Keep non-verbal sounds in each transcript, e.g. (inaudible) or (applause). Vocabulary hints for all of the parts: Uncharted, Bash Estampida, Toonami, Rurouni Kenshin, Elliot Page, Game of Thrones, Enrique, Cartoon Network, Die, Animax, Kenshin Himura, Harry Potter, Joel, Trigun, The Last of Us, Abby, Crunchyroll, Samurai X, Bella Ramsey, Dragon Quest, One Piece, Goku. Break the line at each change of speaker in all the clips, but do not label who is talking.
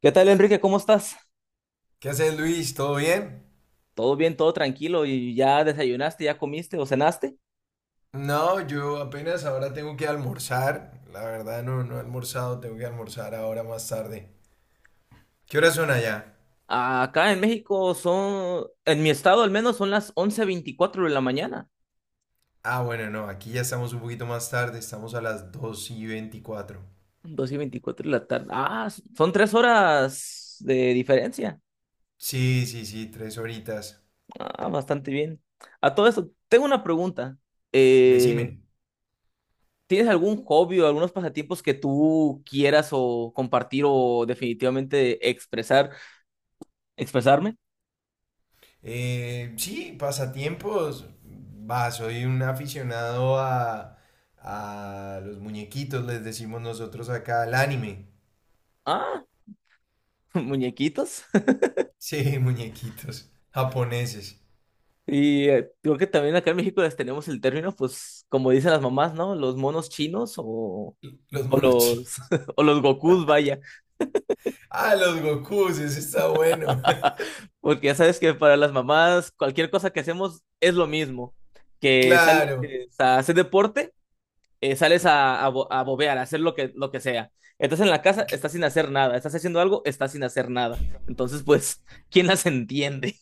¿Qué tal, Enrique? ¿Cómo estás?
¿Qué haces, Luis? ¿Todo bien?
¿Todo bien, todo tranquilo? ¿Y ya desayunaste, ya comiste o cenaste?
No, yo apenas ahora tengo que almorzar. La verdad no, no he almorzado, tengo que almorzar ahora más tarde. ¿Qué horas son allá?
Acá en México son, en mi estado al menos, son las 11:24 de la mañana.
Ah, bueno, no, aquí ya estamos un poquito más tarde, estamos a las 2:24.
12:24 de la tarde. Ah, son 3 horas de diferencia.
Sí, sí, sí, tres horitas.
Ah, bastante bien. A todo esto, tengo una pregunta.
Decime.
Eh, ¿tienes algún hobby o algunos pasatiempos que tú quieras o compartir o definitivamente expresarme?
Sí, pasatiempos. Va, soy un aficionado a los muñequitos, les decimos nosotros acá, al anime.
Ah, (laughs) muñequitos.
Sí, (laughs) muñequitos japoneses,
Y creo que también acá en México las tenemos el término, pues, como dicen las mamás, ¿no? Los monos chinos
los
o
monos
los
chinos.
(laughs) o los Gokus, vaya.
Ah, los Gokus, eso está bueno.
(laughs)
(laughs)
Porque ya sabes que para las mamás cualquier cosa que hacemos es lo mismo. Que sales
Claro.
a hacer deporte, sales a bobear, a hacer lo que sea. Estás en la casa, estás sin hacer nada. Estás haciendo algo, estás sin hacer nada. Entonces, pues, (laughs) ¿quién las entiende?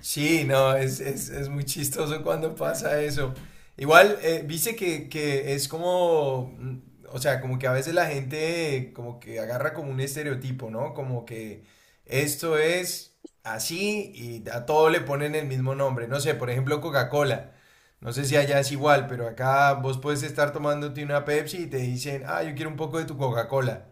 Sí, no, es muy chistoso cuando pasa eso. Igual, viste que es como, o sea, como que a veces la gente como que agarra como un estereotipo, ¿no? Como que esto es así y a todo le ponen el mismo nombre. No sé, por ejemplo, Coca-Cola. No sé si allá es igual, pero acá vos puedes estar tomándote una Pepsi y te dicen, ah, yo quiero un poco de tu Coca-Cola.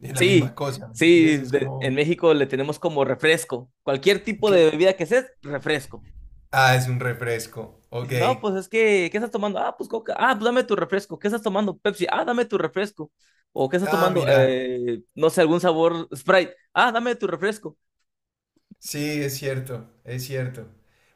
Es la
Sí,
misma cosa, ¿me
sí,
entendés?
en México le tenemos como refresco. Cualquier tipo de
Cla-
bebida que seas, refresco.
Ah, es un refresco. Ok.
Dice, no, pues es que, ¿qué estás tomando? Ah, pues Coca. Ah, pues dame tu refresco. ¿Qué estás tomando? Pepsi. Ah, dame tu refresco. O ¿qué estás
Ah,
tomando?
mira.
No sé, algún sabor Sprite. Ah, dame tu refresco.
Sí, es cierto, es cierto.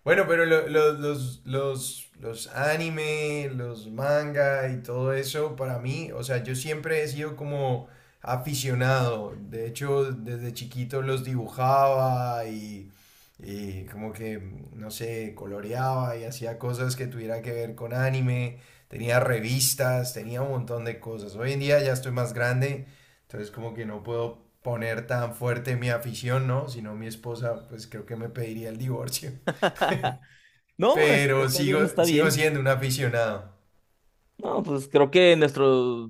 Bueno, pero los anime, los manga y todo eso, para mí, o sea, yo siempre he sido como aficionado. De hecho, desde chiquito los dibujaba y como que, no sé, coloreaba y hacía cosas que tuvieran que ver con anime. Tenía revistas, tenía un montón de cosas. Hoy en día ya estoy más grande. Entonces como que no puedo poner tan fuerte mi afición, ¿no? Si no mi esposa, pues creo que me pediría el divorcio.
(laughs) No,
Pero
está
sigo,
bien, está
sigo
bien.
siendo un aficionado.
No, pues creo que nuestro.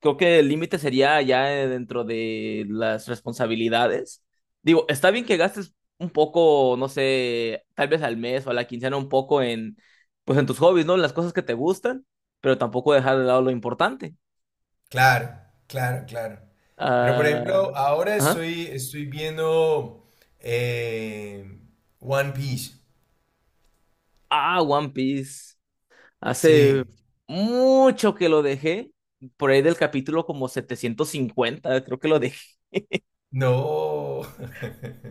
Creo que el límite sería ya dentro de las responsabilidades. Digo, está bien que gastes un poco, no sé, tal vez al mes o a la quincena un poco en, pues en tus hobbies, ¿no? En las cosas que te gustan, pero tampoco dejar de lado lo importante.
Claro, claro, claro. Pero por
Ah,
ejemplo, ahora
ajá.
estoy viendo eh, One Piece.
Ah, One Piece.
Sí.
Hace mucho que lo dejé, por ahí del capítulo como 750, creo que lo dejé.
No. (laughs)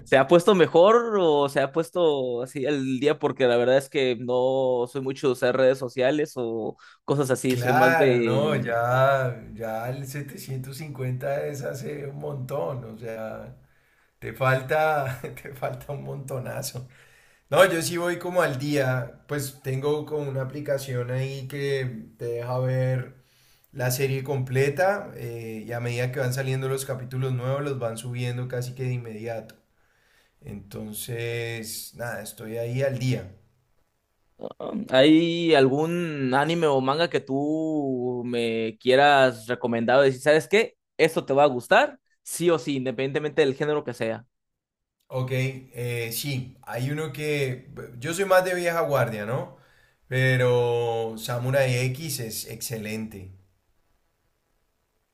¿Se ha puesto mejor o se ha puesto así al día? Porque la verdad es que no soy mucho de usar redes sociales o cosas así. Soy más
Claro, no,
de.
ya el 750 es hace un montón, o sea, te falta, (laughs) te falta un montonazo. No, yo sí voy como al día, pues tengo como una aplicación ahí que te deja ver la serie completa y a medida que van saliendo los capítulos nuevos los van subiendo casi que de inmediato. Entonces, nada, estoy ahí al día.
¿Hay algún anime o manga que tú me quieras recomendar? O decir, ¿sabes qué? Esto te va a gustar, sí o sí, independientemente del género que sea.
Ok, sí, hay uno que yo soy más de vieja guardia, ¿no? Pero Samurai X es excelente.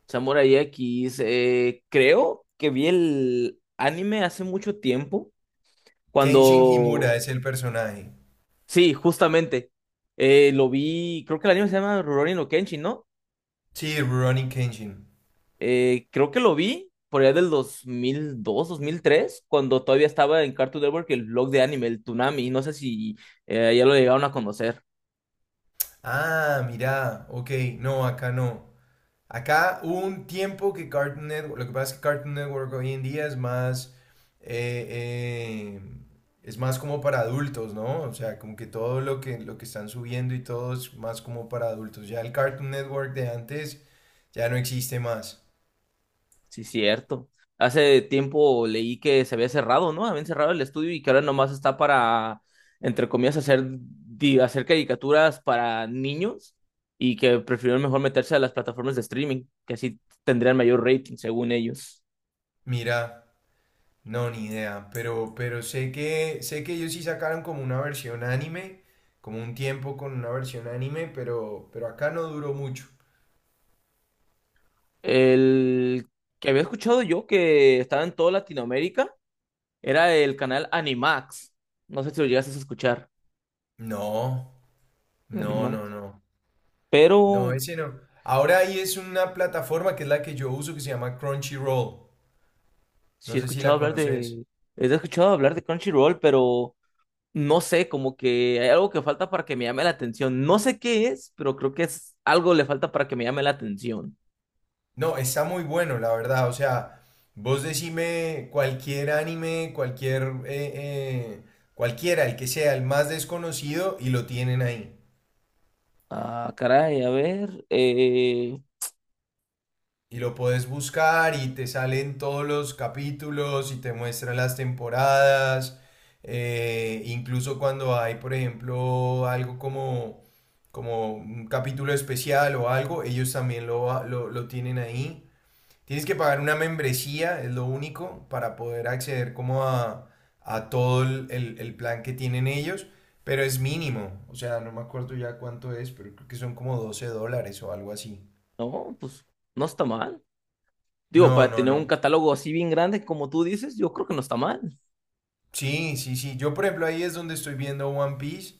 Samurai X, creo que vi el anime hace mucho tiempo,
Kenshin Himura
cuando.
es el personaje.
Sí, justamente. Lo vi, creo que el anime se llama Rurouni no Kenshin, ¿no?
Sí, Rurouni Kenshin.
Creo que lo vi por allá del 2002, dos mil tres, cuando todavía estaba en Cartoon Network el blog de anime, el Toonami. No sé si ya lo llegaron a conocer.
Ah, mirá, ok, no, acá no. Acá hubo un tiempo que Cartoon Network, lo que pasa es que Cartoon Network hoy en día eh, eh, es más como para adultos, ¿no? O sea, como que todo lo que están subiendo y todo es más como para adultos. Ya el Cartoon Network de antes ya no existe más.
Sí, cierto. Hace tiempo leí que se había cerrado, ¿no? Habían cerrado el estudio y que ahora nomás está para, entre comillas, hacer, hacer caricaturas para niños y que prefirieron mejor meterse a las plataformas de streaming, que así tendrían mayor rating, según ellos.
Mira, no, ni idea, pero sé que ellos sí sacaron como una versión anime, como un tiempo con una versión anime, pero acá no duró mucho.
El que había escuchado yo que estaba en toda Latinoamérica era el canal Animax. No sé si lo llegaste a escuchar,
No. No,
Animax.
no, no. No,
Pero
ese no. Ahora ahí es una plataforma que es la que yo uso que se llama Crunchyroll.
sí
No
he
sé si
escuchado
la
hablar
conoces.
de. He escuchado hablar de Crunchyroll, pero no sé, como que hay algo que falta para que me llame la atención. No sé qué es, pero creo que es algo le falta para que me llame la atención.
No, está muy bueno, la verdad. O sea, vos decime cualquier anime, cualquier, eh, cualquiera, el que sea, el más desconocido, y lo tienen ahí.
Ah, caray, a ver.
Y lo puedes buscar y te salen todos los capítulos y te muestran las temporadas. Incluso cuando hay, por ejemplo, algo como, como un capítulo especial o algo, ellos también lo tienen ahí. Tienes que pagar una membresía, es lo único, para poder acceder como a todo el plan que tienen ellos, pero es mínimo. O sea, no me acuerdo ya cuánto es, pero creo que son como $12 o algo así.
No, pues no está mal. Digo,
No,
para
no,
tener un
no.
catálogo así bien grande como tú dices, yo creo que no está mal.
Sí, sí, sí. Yo, por ejemplo, ahí es donde estoy viendo One Piece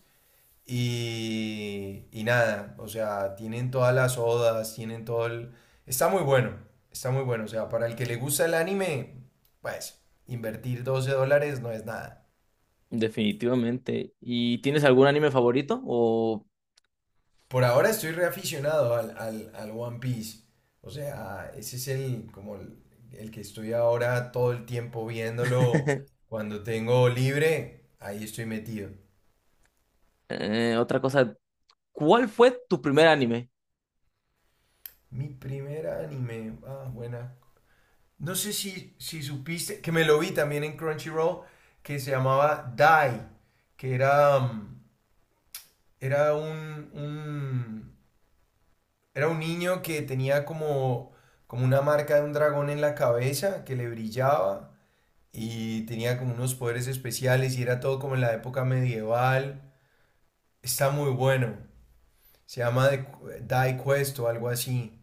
y nada, o sea, tienen todas las odas, tienen todo el... Está muy bueno, está muy bueno. O sea, para el que le gusta el anime, pues, invertir $12 no es nada.
Definitivamente. ¿Y tienes algún anime favorito? O
Por ahora estoy reaficionado al One Piece. O sea, ese es el, como el que estoy ahora todo el tiempo viéndolo.
(laughs)
Cuando tengo libre, ahí estoy metido.
otra cosa, ¿cuál fue tu primer anime?
Mi primer anime. Ah, buena. No sé si supiste, que me lo vi también en Crunchyroll, que se llamaba Die, que era, mm, era un- era un niño que tenía como, como una marca de un dragón en la cabeza que le brillaba y tenía como unos poderes especiales y era todo como en la época medieval. Está muy bueno. Se llama Die Quest o algo así.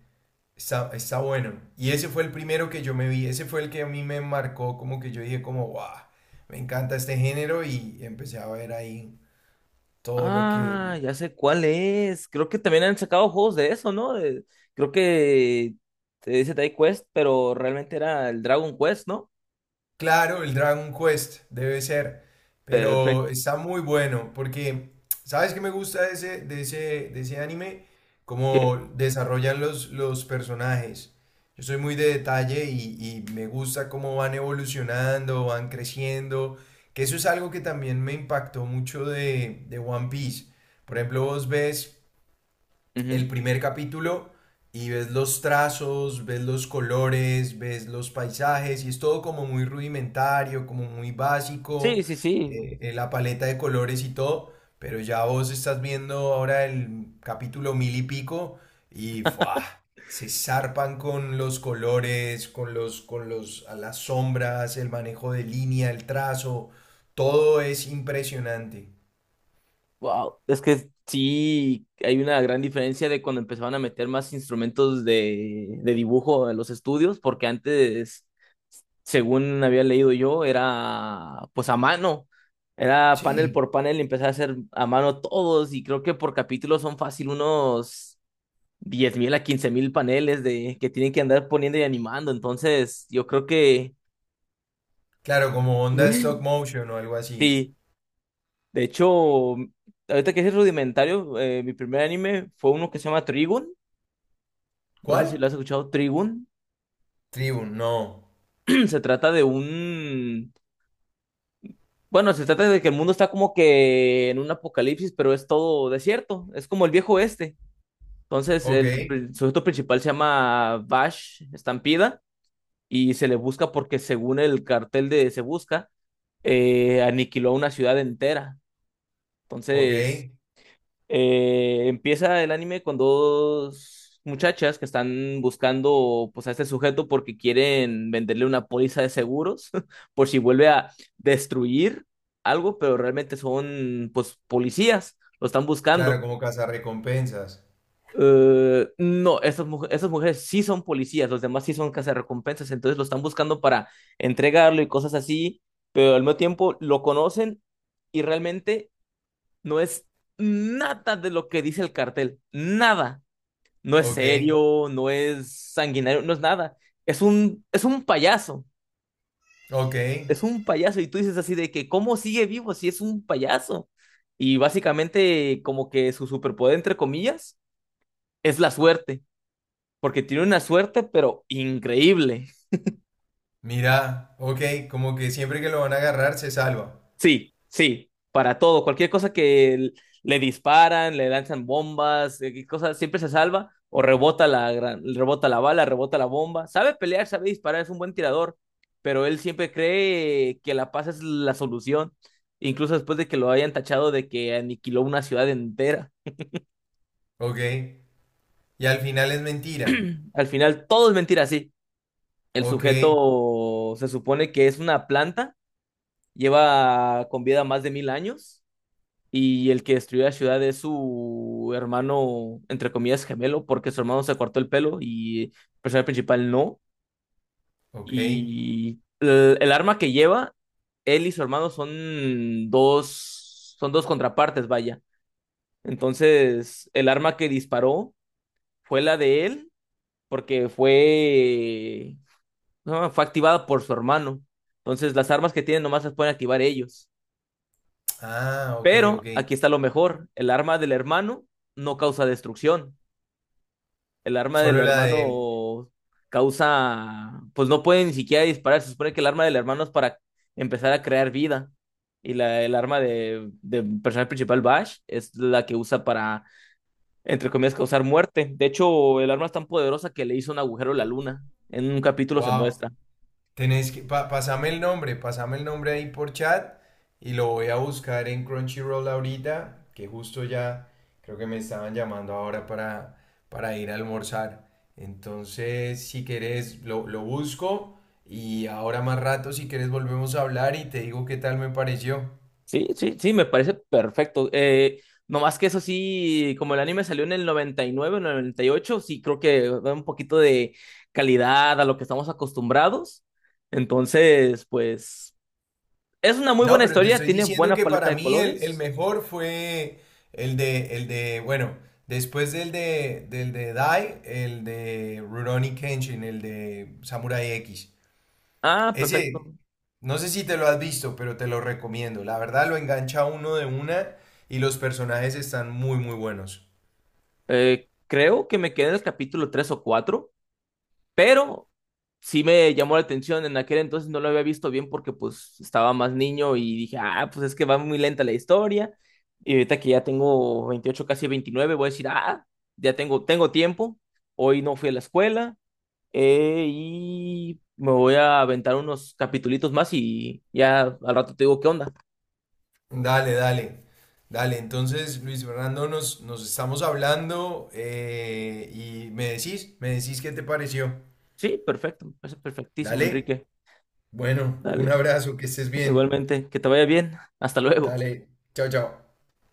Está, está bueno. Y ese fue el primero que yo me vi, ese fue el que a mí me marcó, como que yo dije como, wow, me encanta este género y empecé a ver ahí todo lo
Ah,
que,
ya sé cuál es. Creo que también han sacado juegos de eso, ¿no? Creo que te dice Tai Quest, pero realmente era el Dragon Quest, ¿no?
Claro, el Dragon Quest debe ser,
Perfecto.
pero está muy bueno porque, ¿sabes qué me gusta de ese anime?
Que-
Cómo desarrollan los personajes. Yo soy muy de detalle y me gusta cómo van evolucionando, van creciendo, que eso es algo que también me impactó mucho de One Piece. Por ejemplo, vos ves
ujú.
el primer capítulo y ves los trazos, ves los colores, ves los paisajes y es todo como muy rudimentario, como muy básico,
Sí, sí, sí.
la paleta de colores y todo, pero ya vos estás viendo ahora el capítulo mil y pico y ¡fua! Se zarpan con los colores, a las sombras, el manejo de línea, el trazo, todo es impresionante.
Wow. Es que sí, hay una gran diferencia de cuando empezaban a meter más instrumentos de dibujo en los estudios, porque antes, según había leído yo, era pues a mano. Era panel
Sí,
por panel y empecé a hacer a mano todos y creo que por capítulo son fácil unos 10,000 a 15,000 paneles de que tienen que andar poniendo y animando. Entonces, yo creo que
claro, como onda stop
(laughs)
motion o algo así.
sí. De hecho, ahorita que es rudimentario, mi primer anime fue uno que se llama Trigun. No sé si
¿Cuál?
lo has escuchado, Trigun.
Tribu, no.
(clears throat) Se trata de un. Bueno, se trata de que el mundo está como que en un apocalipsis, pero es todo desierto. Es como el viejo oeste. Entonces,
Ok,
sujeto principal se llama Bash Estampida y se le busca porque, según el cartel de Se Busca, aniquiló una ciudad entera.
ok.
Entonces, empieza el anime con dos muchachas que están buscando pues a este sujeto porque quieren venderle una póliza de seguros (laughs) por si vuelve a destruir algo, pero realmente son pues policías, lo están buscando.
Claro, como recompensas.
No, estas, estas mujeres sí son policías, los demás sí son cazarrecompensas, entonces lo están buscando para entregarlo y cosas así, pero al mismo tiempo lo conocen y realmente no es nada de lo que dice el cartel, nada. No es
Ok,
serio, no es sanguinario, no es nada. Es un payaso,
ok.
es un payaso. Y tú dices así de que, ¿cómo sigue vivo si es un payaso? Y básicamente como que su superpoder, entre comillas, es la suerte, porque tiene una suerte, pero increíble.
Mira, ok, como que siempre que lo van a agarrar se salva.
Sí, sí, para todo, cualquier cosa que le disparan, le lanzan bombas, cosas, siempre se salva o rebota rebota la bala, rebota la bomba. Sabe pelear, sabe disparar, es un buen tirador, pero él siempre cree que la paz es la solución, incluso después de que lo hayan tachado de que aniquiló una ciudad entera.
Ok. Y al final es mentira.
Al final todo es mentira, sí. El
Ok,
sujeto se supone que es una planta, lleva con vida más de 1,000 años. Y el que destruyó la ciudad es su hermano, entre comillas, gemelo, porque su hermano se cortó el pelo y el personaje principal no.
ok.
Y el arma que lleva, él y su hermano son dos, contrapartes, vaya. Entonces, el arma que disparó fue la de él, porque fue, no, fue activada por su hermano. Entonces, las armas que tienen nomás las pueden activar ellos.
Ah, ok, ok.
Pero aquí está lo mejor, el arma del hermano no causa destrucción. El arma del
Solo la de él.
hermano causa, pues no puede ni siquiera disparar. Se supone que el arma del hermano es para empezar a crear vida. Y el arma de personaje principal, Bash, es la que usa para, entre comillas, causar muerte. De hecho, el arma es tan poderosa que le hizo un agujero a la luna. En un capítulo se
Wow.
muestra.
Tenés que, pasame el nombre ahí por chat y lo voy a buscar en Crunchyroll ahorita, que justo ya creo que me estaban llamando ahora para ir a almorzar. Entonces, si querés, lo busco y ahora más rato, si querés, volvemos a hablar y te digo qué tal me pareció.
Sí, sí, sí, me parece perfecto. No más que eso sí, como el anime salió en el 99, en el 98, sí creo que da un poquito de calidad a lo que estamos acostumbrados. Entonces, pues, es una muy
No,
buena
pero te
historia,
estoy
tiene
diciendo
buena
que
paleta
para
de
mí el
colores.
mejor fue el de, bueno, después del de Dai, el de Rurouni Kenshin, el de Samurai X.
Ah,
Ese,
perfecto.
no sé si te lo has visto, pero te lo recomiendo. La verdad lo engancha a uno de una y los personajes están muy, muy buenos.
Creo que me quedé en el capítulo 3 o 4. Pero sí me llamó la atención, en aquel entonces no lo había visto bien porque pues estaba más niño y dije, ah, pues es que va muy lenta la historia. Y ahorita que ya tengo 28, casi 29, voy a decir, ah, ya tengo, tiempo, hoy no fui a la escuela y me voy a aventar unos capitulitos más y ya al rato te digo qué onda.
Dale, dale. Dale, entonces Luis Fernando, nos estamos hablando y me decís qué te pareció.
Sí, perfecto, me parece perfectísimo,
Dale.
Enrique.
Bueno, un
Dale,
abrazo, que estés
(laughs)
bien.
igualmente, que te vaya bien, hasta luego.
Dale, chao, chao.